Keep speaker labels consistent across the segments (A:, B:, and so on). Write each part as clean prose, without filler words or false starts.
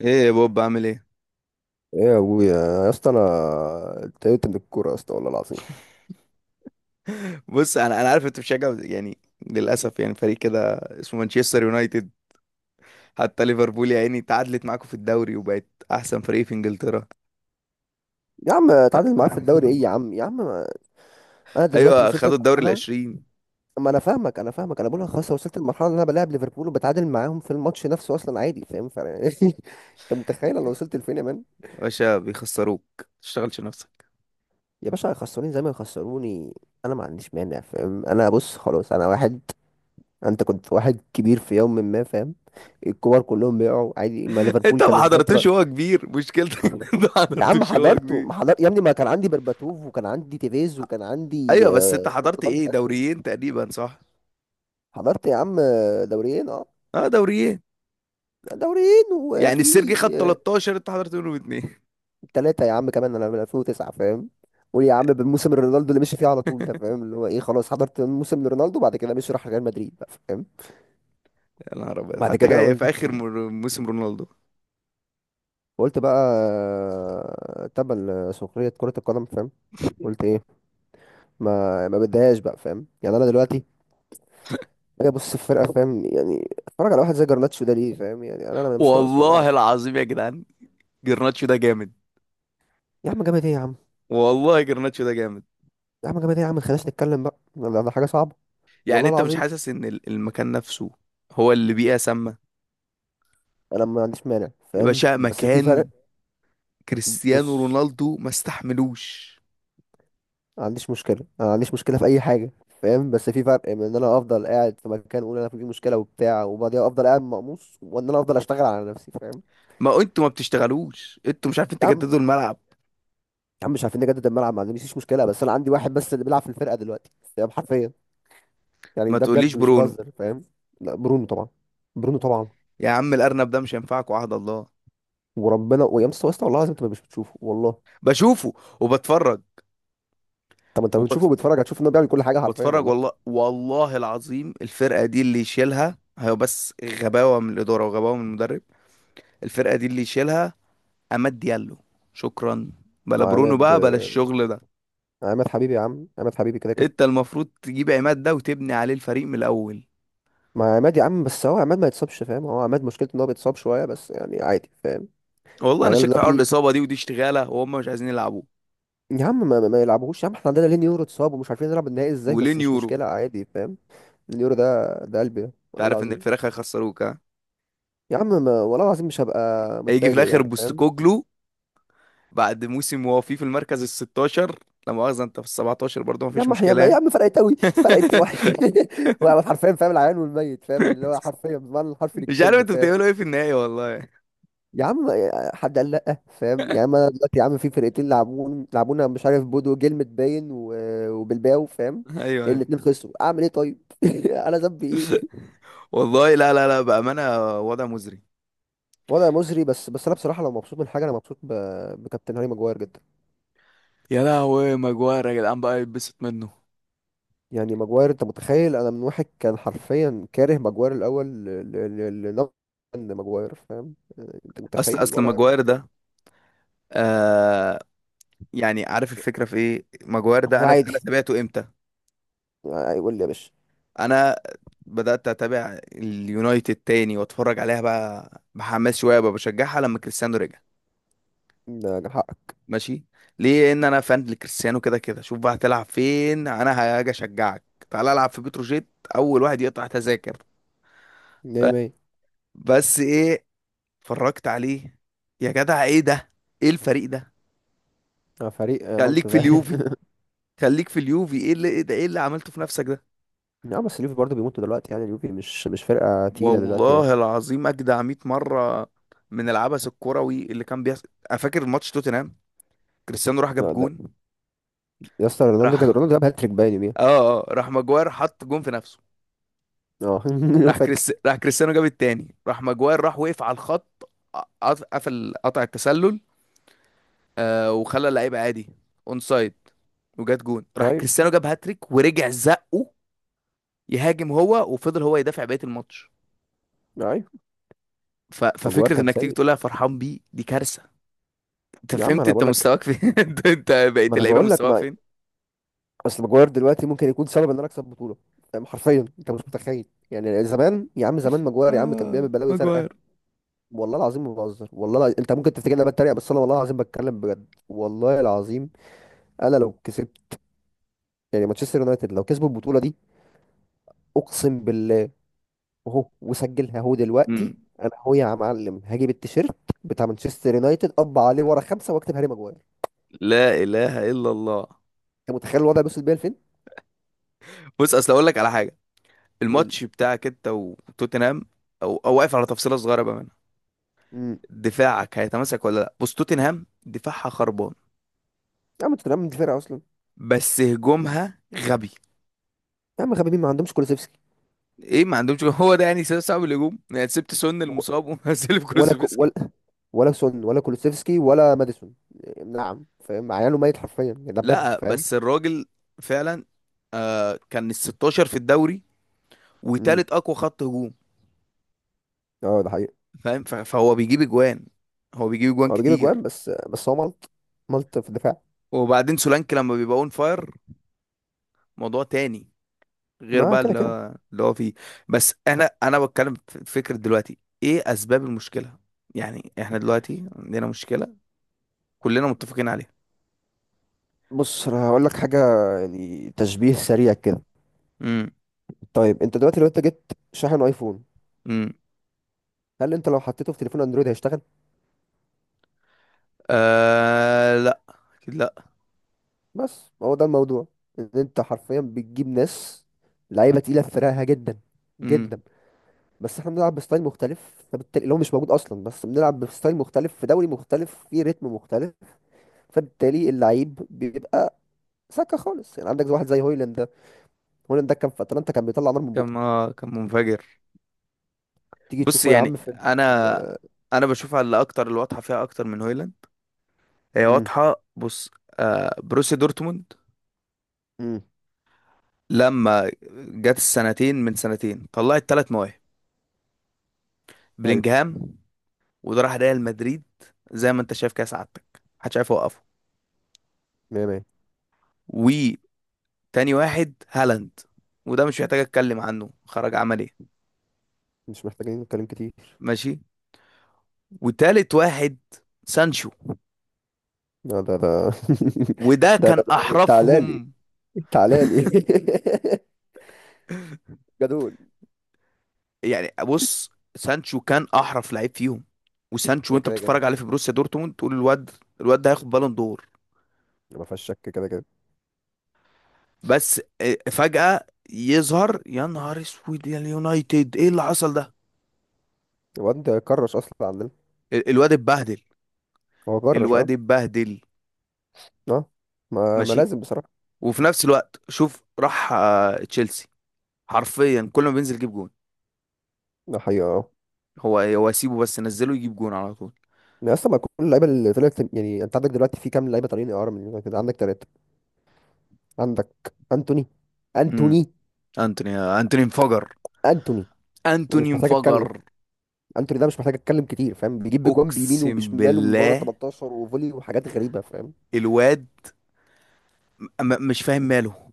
A: ايه يا بوب، عامل ايه؟
B: ايه يا ابويا يا اسطى انا اتضايقت من الكوره يا اسطى والله العظيم.
A: بص، انا عارف انت بتشجع يعني، للاسف، يعني فريق كده اسمه مانشستر يونايتد. حتى ليفربول يا عيني تعادلت معاكم في الدوري وبقت احسن فريق في انجلترا.
B: يا عم اتعادل معاك في الدوري ايه يا عم يا عم انا دلوقتي
A: ايوه،
B: وصلت
A: خدوا الدوري
B: لمرحله.
A: العشرين.
B: ما انا فاهمك انا بقول لك خلاص، أنا وصلت لمرحله ان انا بلاعب ليفربول وبتعادل معاهم في الماتش نفسه اصلا عادي فاهم، انت متخيل انا وصلت لفين يا مان؟
A: يا باشا بيخسروك، تشتغلش نفسك.
B: يا باشا هيخسروني زي ما يخسروني، انا ما عنديش مانع فاهم، انا بص خلاص انا واحد. انت كنت واحد كبير في يوم ما فاهم. الكور كلهم بيقعوا عادي، ما
A: انت
B: ليفربول
A: ما
B: كانوا في
A: حضرتوش
B: فتره.
A: وهو كبير مشكلتك. انت ما
B: يا عم
A: حضرتوش وهو
B: حضرته
A: كبير.
B: ما حضرت يا ابني، ما كان عندي برباتوف وكان عندي تيفيز وكان
A: ايوه
B: عندي
A: بس انت حضرت
B: رونالدو
A: ايه،
B: في اخره.
A: دوريين تقريبا صح؟
B: حضرت يا عم دوريين اه.
A: اه دوريين.
B: دوريين
A: يعني
B: وفي
A: السيرجي خد 13، انت حضرت منهم اتنين.
B: ثلاثة يا عم كمان، انا من 2009 فاهم. قول يا عم بالموسم رونالدو اللي مشي فيه على طول ده فاهم، اللي هو ايه، خلاص حضرت موسم لرونالدو، بعد كده مشي راح ريال مدريد بقى فاهم.
A: يا نهار ابيض،
B: بعد
A: حتى
B: كده
A: جاي في
B: قلت
A: اخر موسم رونالدو.
B: قلت بقى تبا لسخرية كرة القدم فاهم. قلت ايه، ما بديهاش بقى فاهم، يعني انا دلوقتي. هي بص الفرقه فاهم، يعني اتفرج على واحد زي جرناتشو ده ليه فاهم، يعني انا مش ناقص والله
A: والله
B: العظيم.
A: العظيم يا جدعان، جرناتشو ده جامد.
B: يا عم جامد ايه يا عم.
A: والله جرناتشو ده جامد.
B: يا عم جامد ايه يا عم ما خليناش نتكلم بقى، ده حاجه صعبه.
A: يعني
B: والله
A: انت مش
B: العظيم
A: حاسس ان المكان نفسه هو اللي بيئة سامة؟
B: انا ما عنديش مانع
A: يا
B: فاهم،
A: باشا،
B: بس في فرق.
A: مكان كريستيانو
B: بص،
A: رونالدو ما استحملوش.
B: ما عنديش مشكله، انا ما عنديش مشكله في اي حاجه فاهم، بس في فرق بين ان انا افضل قاعد في مكان اقول انا في مشكله وبتاع وبعدين افضل قاعد مقموص، وان انا افضل اشتغل على نفسي فاهم.
A: ما انتوا ما بتشتغلوش، انتوا مش عارفين
B: يا عم.
A: تجددوا الملعب.
B: يا عم مش عارفين نجدد الملعب، ما عنديش مشكله، بس انا عندي واحد بس اللي بيلعب في الفرقه دلوقتي فاهم، حرفيا، يعني
A: ما
B: ده
A: تقوليش
B: بجد مش
A: برونو.
B: بهزر فاهم. لا برونو طبعا. برونو طبعا.
A: يا عم الارنب ده مش هينفعكوا عهد الله.
B: وربنا ويا مستر واسطه، والله العظيم انت مش بتشوفه والله.
A: بشوفه وبتفرج.
B: طب انت بتشوفه
A: وبتف...
B: وبتتفرج، هتشوف انه بيعمل كل حاجه حرفيا
A: وبتفرج،
B: والله.
A: والله، والله العظيم الفرقة دي اللي يشيلها هي، بس غباوة من الإدارة وغباوة من المدرب. الفرقة دي اللي يشيلها عماد ديالو، شكرا. بلا برونو
B: عماد
A: بقى، بلا الشغل ده.
B: عماد حبيبي، يا عم عماد حبيبي كده كده.
A: انت المفروض تجيب عماد ده وتبني عليه الفريق من الاول.
B: ما عماد يا عم، بس هو عماد ما يتصابش فاهم، هو عماد مشكلته ان هو بيتصاب شويه، بس يعني عادي فاهم.
A: والله انا
B: يعني انا
A: شاك في حوار
B: دلوقتي.
A: الاصابه دي، ودي اشتغاله وهم مش عايزين يلعبوه.
B: يا عم، ما يلعبوهوش يا عم، احنا عندنا لين يورو اتصاب ومش عارفين نلعب النهائي ازاي، بس
A: ولين
B: مش
A: يورو.
B: مشكله عادي فاهم. اليورو ده ده قلبي
A: انت
B: والله
A: عارف ان
B: العظيم.
A: الفراخ هيخسروك؟ ها،
B: يا عم ما والله العظيم مش هبقى
A: هيجي في
B: متفاجئ
A: الاخر
B: يعني فاهم.
A: بوستكوجلو بعد موسم وهو فيه في المركز ال 16. لا مؤاخذه، انت في ال 17 برضه،
B: يا
A: مفيش
B: عم يا
A: مشكله
B: عم يا
A: يعني.
B: عم فرقت قوي، فرقت واحد. وانا حرفيا فاهم العيان والميت فاهم، اللي هو حرفيا بمعنى الحرفي
A: مش عارف
B: للكلمه
A: انتوا
B: فاهم.
A: بتعملوا ايه في النهايه، والله.
B: يا عم حد قال لا فاهم، يا عم انا دلوقتي يا عم في فرقتين لعبونا، مش عارف بودو جلمت باين و- آه، وبلباو فاهم.
A: ايوه.
B: الاتنين خسروا، اعمل ايه طيب؟ انا ذنبي ايه؟
A: والله لا لا لا، بامانه وضع مزري.
B: وضع مزري، بس انا بصراحه لو مبسوط من حاجه انا مبسوط ب... بكابتن هاري ماجواير جدا.
A: يا لهوي، ماجواير يا جدعان بقى يتبسط منه؟
B: يعني ماجواير، انت متخيل انا من واحد كان حرفيا كاره ماجواير الاول ل... ل... ل... لنقد ماجواير فاهم، انت
A: اصل
B: متخيل
A: اصل
B: الوضع.
A: ماجواير ده، آه يعني عارف الفكره في ايه؟ ماجواير ده
B: هو
A: انا
B: عادي
A: انا تابعته امتى؟
B: يقول لي يا باشا،
A: انا بدات اتابع اليونايتد تاني، واتفرج عليها بقى بحماس شويه، بقى بشجعها لما كريستيانو رجع.
B: ده كان حقك.
A: ماشي، ليه؟ ان انا فان لكريستيانو كده كده. شوف بقى هتلعب فين، انا هاجي اشجعك. تعال العب في بتروجيت، اول واحد يقطع تذاكر. ف-
B: مية مية.
A: بس ايه، اتفرجت عليه. يا جدع ايه ده؟ ايه الفريق ده؟
B: فريق
A: خليك
B: مالطا
A: في اليوفي.
B: فعلا
A: خليك في اليوفي. ايه اللي، ايه ده؟ ايه اللي عملته في نفسك ده؟
B: نعم بس اليوفي برضه بيموتوا دلوقتي، يعني اليوفي مش فرقة تقيلة دلوقتي يعني.
A: والله العظيم اجدع 100 مره من العبث الكروي اللي كان بيحصل. انا فاكر ماتش توتنهام، كريستيانو راح جاب
B: لا ده،
A: جون.
B: يا اسطى رونالدو جاب،
A: راح،
B: رونالدو جاب هاتريك باين يوميها.
A: اه راح ماجواير حط جون في نفسه.
B: اه.
A: راح
B: فاكر.
A: راح كريستيانو جاب التاني، راح ماجواير راح وقف على الخط، قفل قطع التسلل، وخلى اللعيبه عادي اون سايد، وجات جون راح
B: ايوه.
A: كريستيانو جاب هاتريك ورجع زقه يهاجم هو، وفضل هو يدافع بقيه الماتش.
B: ايوه. ماجوار
A: ففكره
B: كان
A: انك تيجي
B: سيء.
A: تقولها فرحان بيه دي كارثه. انت
B: يا عم
A: فهمت
B: انا
A: انت
B: بقول لك،
A: مستواك فين؟ انت انت بقيت
B: ما انا
A: اللعيبه
B: بقول لك
A: مستواها
B: ما
A: فين.
B: اصل ماجوار دلوقتي ممكن يكون سبب ان انا اكسب بطولة، فاهم؟ حرفيا انت مش متخيل. يعني زمان يا عم، زمان ماجوار يا عم كان بيعمل
A: اه
B: بلاوي زرقاء.
A: ماجواير.
B: والله العزيم ما بهزر انت ممكن تفتكرني انا بتريق، بس انا والله العظيم بتكلم بجد والله العظيم. انا لو كسبت، يعني مانشستر يونايتد لو كسبوا البطوله دي، اقسم بالله، اهو وسجلها اهو دلوقتي،
A: مم.
B: انا اهو يا معلم هجيب التيشيرت بتاع مانشستر يونايتد، اطبع عليه ورا خمسه واكتب هاري ماجواير.
A: لا اله الا الله.
B: انت متخيل الوضع بيوصل بيا لفين؟
A: بص اصل اقول لك على حاجه،
B: يقول لي.
A: الماتش بتاعك انت وتوتنهام، او واقف على تفصيله صغيره بقى منها.
B: امم
A: دفاعك هيتماسك ولا لا؟ بص توتنهام دفاعها خربان،
B: يا عم توتنهام دي فرقه اصلا.
A: بس هجومها غبي.
B: يا عم غبيبين ما عندهمش كولوسيفسكي.
A: ايه، ما عندهمش جول. هو ده يعني سبب صعب الهجوم، يعني سبت سون
B: و-
A: المصاب ومنزل
B: ولا كو
A: كروزفسكي.
B: ولا ولا سون ولا كولوسيفسكي ولا ماديسون. نعم فاهم، عياله ميت حرفيا يعني ده بجد
A: لا
B: فاهم.
A: بس الراجل فعلا، كان ال 16 في الدوري
B: امم.
A: وتالت اقوى خط هجوم،
B: اه ده حقيقي.
A: فاهم؟ فهو بيجيب اجوان، هو بيجيب اجوان
B: هو بيجيب اجوان،
A: كتير.
B: بس هو ملط، ملط في الدفاع.
A: وبعدين سولانكي لما بيبقى اون فاير موضوع تاني، غير
B: ما
A: بقى
B: كده
A: اللي
B: كده.
A: هو اللي هو فيه. بس انا بتكلم في فكرة دلوقتي ايه اسباب المشكلة. يعني احنا دلوقتي عندنا مشكلة كلنا متفقين عليها.
B: بص انا هقول لك حاجه، يعني تشبيه سريع كده.
A: امم.
B: طيب انت دلوقتي لو انت جبت شاحن ايفون،
A: امم.
B: هل انت لو حطيته في تليفون اندرويد هيشتغل؟
A: آه لا، اكيد لا.
B: بس هو ده الموضوع، ان انت حرفيا بتجيب ناس، لعيبه تقيله في فرقها جدا، جدا،
A: امم.
B: بس احنا بنلعب بستايل مختلف، فبالتالي اللي هو مش موجود اصلا، بس بنلعب بستايل مختلف في دوري مختلف في رتم مختلف، فبالتالي اللعيب بيبقى سكه خالص. يعني عندك واحد زي هويلاند ده، هويلاند ده كان في اتلانتا كان بيطلع نار من بقه.
A: كان كان منفجر.
B: تيجي
A: بص
B: تشوفه يا
A: يعني
B: عم في
A: انا، بشوفها اللي اكتر، اللي واضحة فيها اكتر من هويلاند، هي
B: امم.
A: واضحة. بص، بروسيا دورتموند
B: امم.
A: لما جت السنتين، من سنتين طلعت ثلاث مواهب:
B: ايوه.
A: بلينجهام، وده راح ريال مدريد، زي ما انت شايف كده سعادتك محدش عارف يوقفه.
B: 100.
A: وتاني واحد هالاند، وده مش محتاج اتكلم عنه، خرج عمل ايه.
B: مش محتاجين نتكلم كتير.
A: ماشي. وتالت واحد سانشو،
B: لا ده ده
A: وده كان
B: تعالى لي،
A: احرفهم.
B: تعالى لي جدول.
A: يعني بص، سانشو كان احرف لعيب فيهم. وسانشو
B: ده
A: وانت
B: كده كده،
A: بتتفرج عليه في بروسيا دورتموند تقول الواد، الواد ده هياخد بالون دور.
B: ما فيهاش شك كده كده.
A: بس فجأة يظهر، يا نهار اسود يا اليونايتد ايه اللي حصل ده؟
B: الواد ده كرش اصلا عندنا.
A: الواد اتبهدل،
B: هو كرش اه.
A: الواد اتبهدل.
B: اه، ما, ما
A: ماشي.
B: لازم بصراحه.
A: وفي نفس الوقت شوف، راح تشيلسي، حرفيا كل ما بينزل يجيب جون.
B: ده حقيقه اه.
A: هو سيبه، بس نزله يجيب جون على طول.
B: يعني اصلا ما كل اللعيبه اللي طلعت، يعني انت عندك دلوقتي في كام لعيبه طالعين اعاره، من كده عندك ثلاثه. عندك انتوني.
A: امم.
B: انتوني
A: انتوني، انتوني انفجر،
B: انتوني مش
A: انتوني
B: محتاج اتكلم.
A: انفجر.
B: انتوني ده مش محتاج اتكلم كتير فاهم، بيجيب بجوان بيمينه
A: اقسم
B: وبشماله من بره ال
A: بالله
B: 18 وفولي وحاجات غريبه فاهم.
A: الواد، مش فاهم ماله.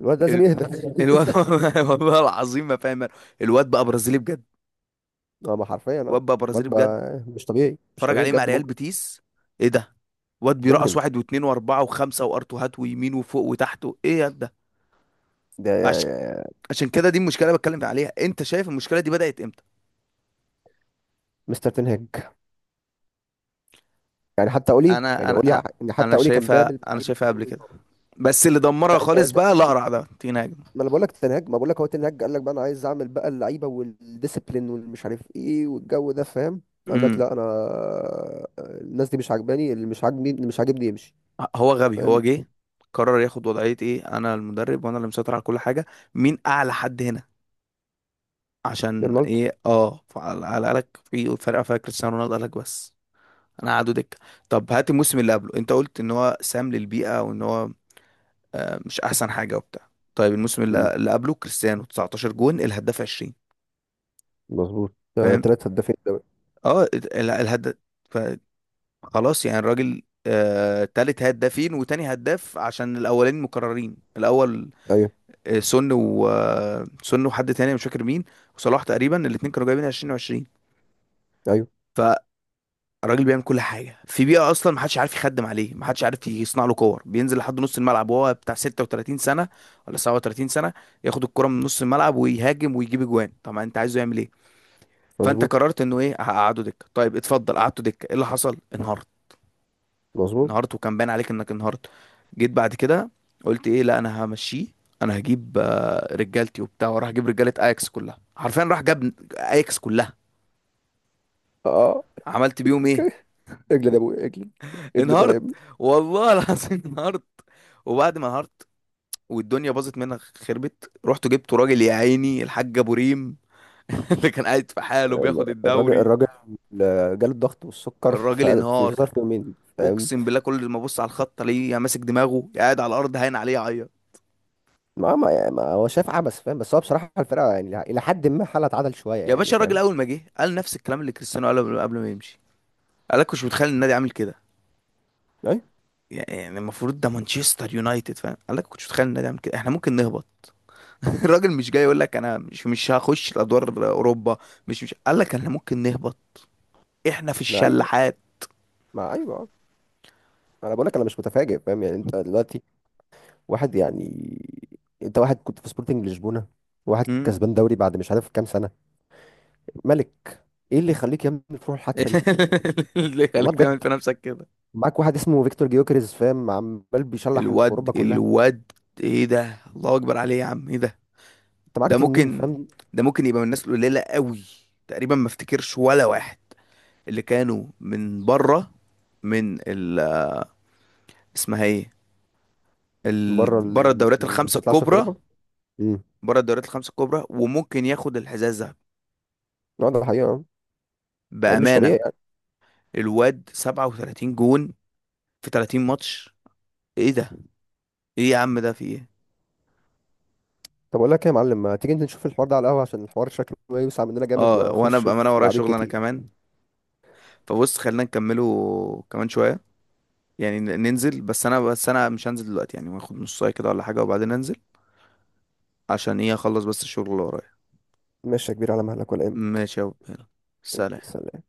B: الواد لازم
A: ال-
B: يهدى
A: الواد والله العظيم، ما فاهم ماله. الواد بقى برازيلي بجد،
B: اه ما حرفيا اه.
A: الواد بقى برازيلي
B: واد
A: بجد.
B: بقى مش طبيعي، مش
A: اتفرج
B: طبيعي
A: عليه مع
B: بجد،
A: ريال
B: مجرم.
A: بيتيس، ايه ده؟ واد بيرقص
B: مجرم
A: واحد واثنين واربعه وخمسه وارتوهات ويمين وفوق وتحت ايه يا ده؟ عشان،
B: ده.
A: عشان كده دي المشكله اللي بتكلم عليها. انت شايف المشكله دي بدات امتى؟
B: مستر تنهج، يعني حتى قولي،
A: انا
B: يعني
A: انا انا
B: قولي ان
A: أنا
B: حتى قولي كان
A: شايفها،
B: بيعمل
A: انا
B: لعيبه
A: شايفها قبل
B: شغل
A: كده،
B: نار.
A: بس اللي دمرها
B: لا
A: خالص بقى الاقرع ده تيناجم.
B: ما انا بقول لك تنهج، ما بقول لك هو تنهج قال لك بقى انا عايز اعمل بقى اللعيبه والديسيبلين والمش عارف ايه والجو ده فاهم. قال لك
A: امم.
B: لا انا، الناس دي مش عاجباني، اللي مش عاجبني يمشي
A: هو غبي، هو
B: فاهم.
A: جه قرر ياخد وضعيه ايه؟ انا المدرب وانا اللي مسيطر على كل حاجه، مين اعلى حد هنا عشان
B: رونالدو.
A: ايه؟ اه، على قالك في فرقه فيها كريستيانو رونالدو؟ قالك بس انا قعدوا دكه. طب هات الموسم اللي قبله، انت قلت ان هو سام للبيئه وان هو، مش احسن حاجه وبتاع. طيب الموسم
B: مم.
A: اللي قبله كريستيانو 19 جون، الهداف 20،
B: مظبوط،
A: فاهم؟
B: ثلاثة هدافين دوري.
A: اه، الهداف خلاص يعني الراجل، تالت هدافين وتاني هداف عشان الاولين مكررين الاول.
B: ايوه.
A: آه، سن و آه، سن وحد تاني مش فاكر مين، وصلاح، تقريبا الاتنين كانوا جايبين 20 و20.
B: ايوه.
A: الراجل بيعمل كل حاجه في بيئه اصلا محدش عارف يخدم عليه، محدش عارف يصنع له كور، بينزل لحد نص الملعب وهو بتاع 36 سنه ولا 37 سنه، ياخد الكره من نص الملعب ويهاجم ويجيب اجوان. طبعا انت عايزه يعمل ايه؟ فانت
B: مظبوط.
A: قررت انه ايه؟ هقعده دكه. طيب اتفضل، قعدته دكه ايه اللي حصل؟ انهارت.
B: مظبوط.
A: انهارت، وكان باين عليك انك انهارت. جيت بعد كده قلت ايه؟ لا انا همشيه. انا هجيب رجالتي وبتاع، وراح اجيب رجاله اياكس كلها، حرفيا راح جاب اياكس كلها.
B: اه.
A: عملت بيهم ايه؟
B: اوكي. اجلد يا ابويا اجلد، اجلد
A: انهارت.
B: ولا.
A: والله العظيم انهارت. وبعد ما انهارت والدنيا باظت منها خربت، رحت جبت راجل يا عيني الحاج ابو ريم اللي كان قاعد في حاله بياخد
B: الراجل
A: الدوري.
B: الراجل جاله الضغط والسكر
A: الراجل
B: في
A: انهار،
B: ظرف يومين فاهم.
A: اقسم بالله كل ما ابص على الخط الاقيه يا ماسك دماغه يا قاعد على الارض هاين عليه يعيط.
B: ما هو شايف عبث فاهم، بس هو بصراحة الفرقة يعني إلى حد ما حالها اتعدل شوية
A: يا
B: يعني
A: باشا الراجل
B: فاهم.
A: اول ما جه قال نفس الكلام اللي كريستيانو قاله قبل ما يمشي. قال لك مش متخيل النادي عامل كده،
B: أيوة.
A: يعني المفروض ده مانشستر يونايتد، فاهم؟ قال لك كنتش متخيل النادي عامل كده، احنا ممكن نهبط. الراجل مش جاي يقول لك انا مش هخش الادوار اوروبا، مش قال لك احنا ممكن نهبط، احنا في
B: ما أيوة.
A: الشلاحات.
B: ما أيوة. أنا بقول لك أنا مش متفاجئ فاهم، يعني أنت دلوقتي واحد يعني، أنت واحد كنت في سبورتنج لشبونة، واحد
A: مم.
B: كسبان دوري بعد مش عارف كام سنة، ملك. إيه اللي يخليك يا ابني تروح الحتفة دي؟
A: اللي
B: والله
A: خليك تعمل
B: بجد.
A: في نفسك كده.
B: معاك واحد اسمه فيكتور جيوكريز فاهم، عمال بيشلح في
A: الواد،
B: أوروبا كلها.
A: الواد ايه ده؟ الله اكبر عليه يا عم، ايه ده؟
B: أنت معاك
A: ده
B: تنين
A: ممكن،
B: فاهم.
A: ده ممكن يبقى من الناس القليله قوي. تقريبا ما افتكرش ولا واحد اللي كانوا من بره، من ال، اسمها ايه، بره الدوريات
B: اللي ما
A: الخمسه
B: بتطلعش في
A: الكبرى،
B: اوروبا. امم.
A: بره الدوريات الخمسه الكبرى وممكن ياخد الحذاء الذهبي،
B: لا ده حقيقه يعني مش طبيعي
A: بامانه.
B: يعني.
A: الواد 37 جون في 30 ماتش، ايه ده؟ ايه يا عم ده في ايه؟
B: طب اقول لك ايه يا معلم، ما تيجي انت نشوف الحوار ده على القهوه، عشان الحوار شكله يوسع مننا جامد
A: اه، وانا
B: وهنخش
A: بامانه
B: في
A: ورايا
B: لعبين
A: شغل انا
B: كتير.
A: كمان، فبص خلينا نكمله كمان شويه. يعني ننزل، بس انا، مش هنزل دلوقتي يعني، هاخد نص ساعه كده ولا حاجه وبعدين انزل عشان ايه؟ اخلص بس الشغل اللي ورايا.
B: ماشي يا كبير، على مهلك ولا ايه؟
A: ماشي يا أبو، يلا. سلام.
B: سلام.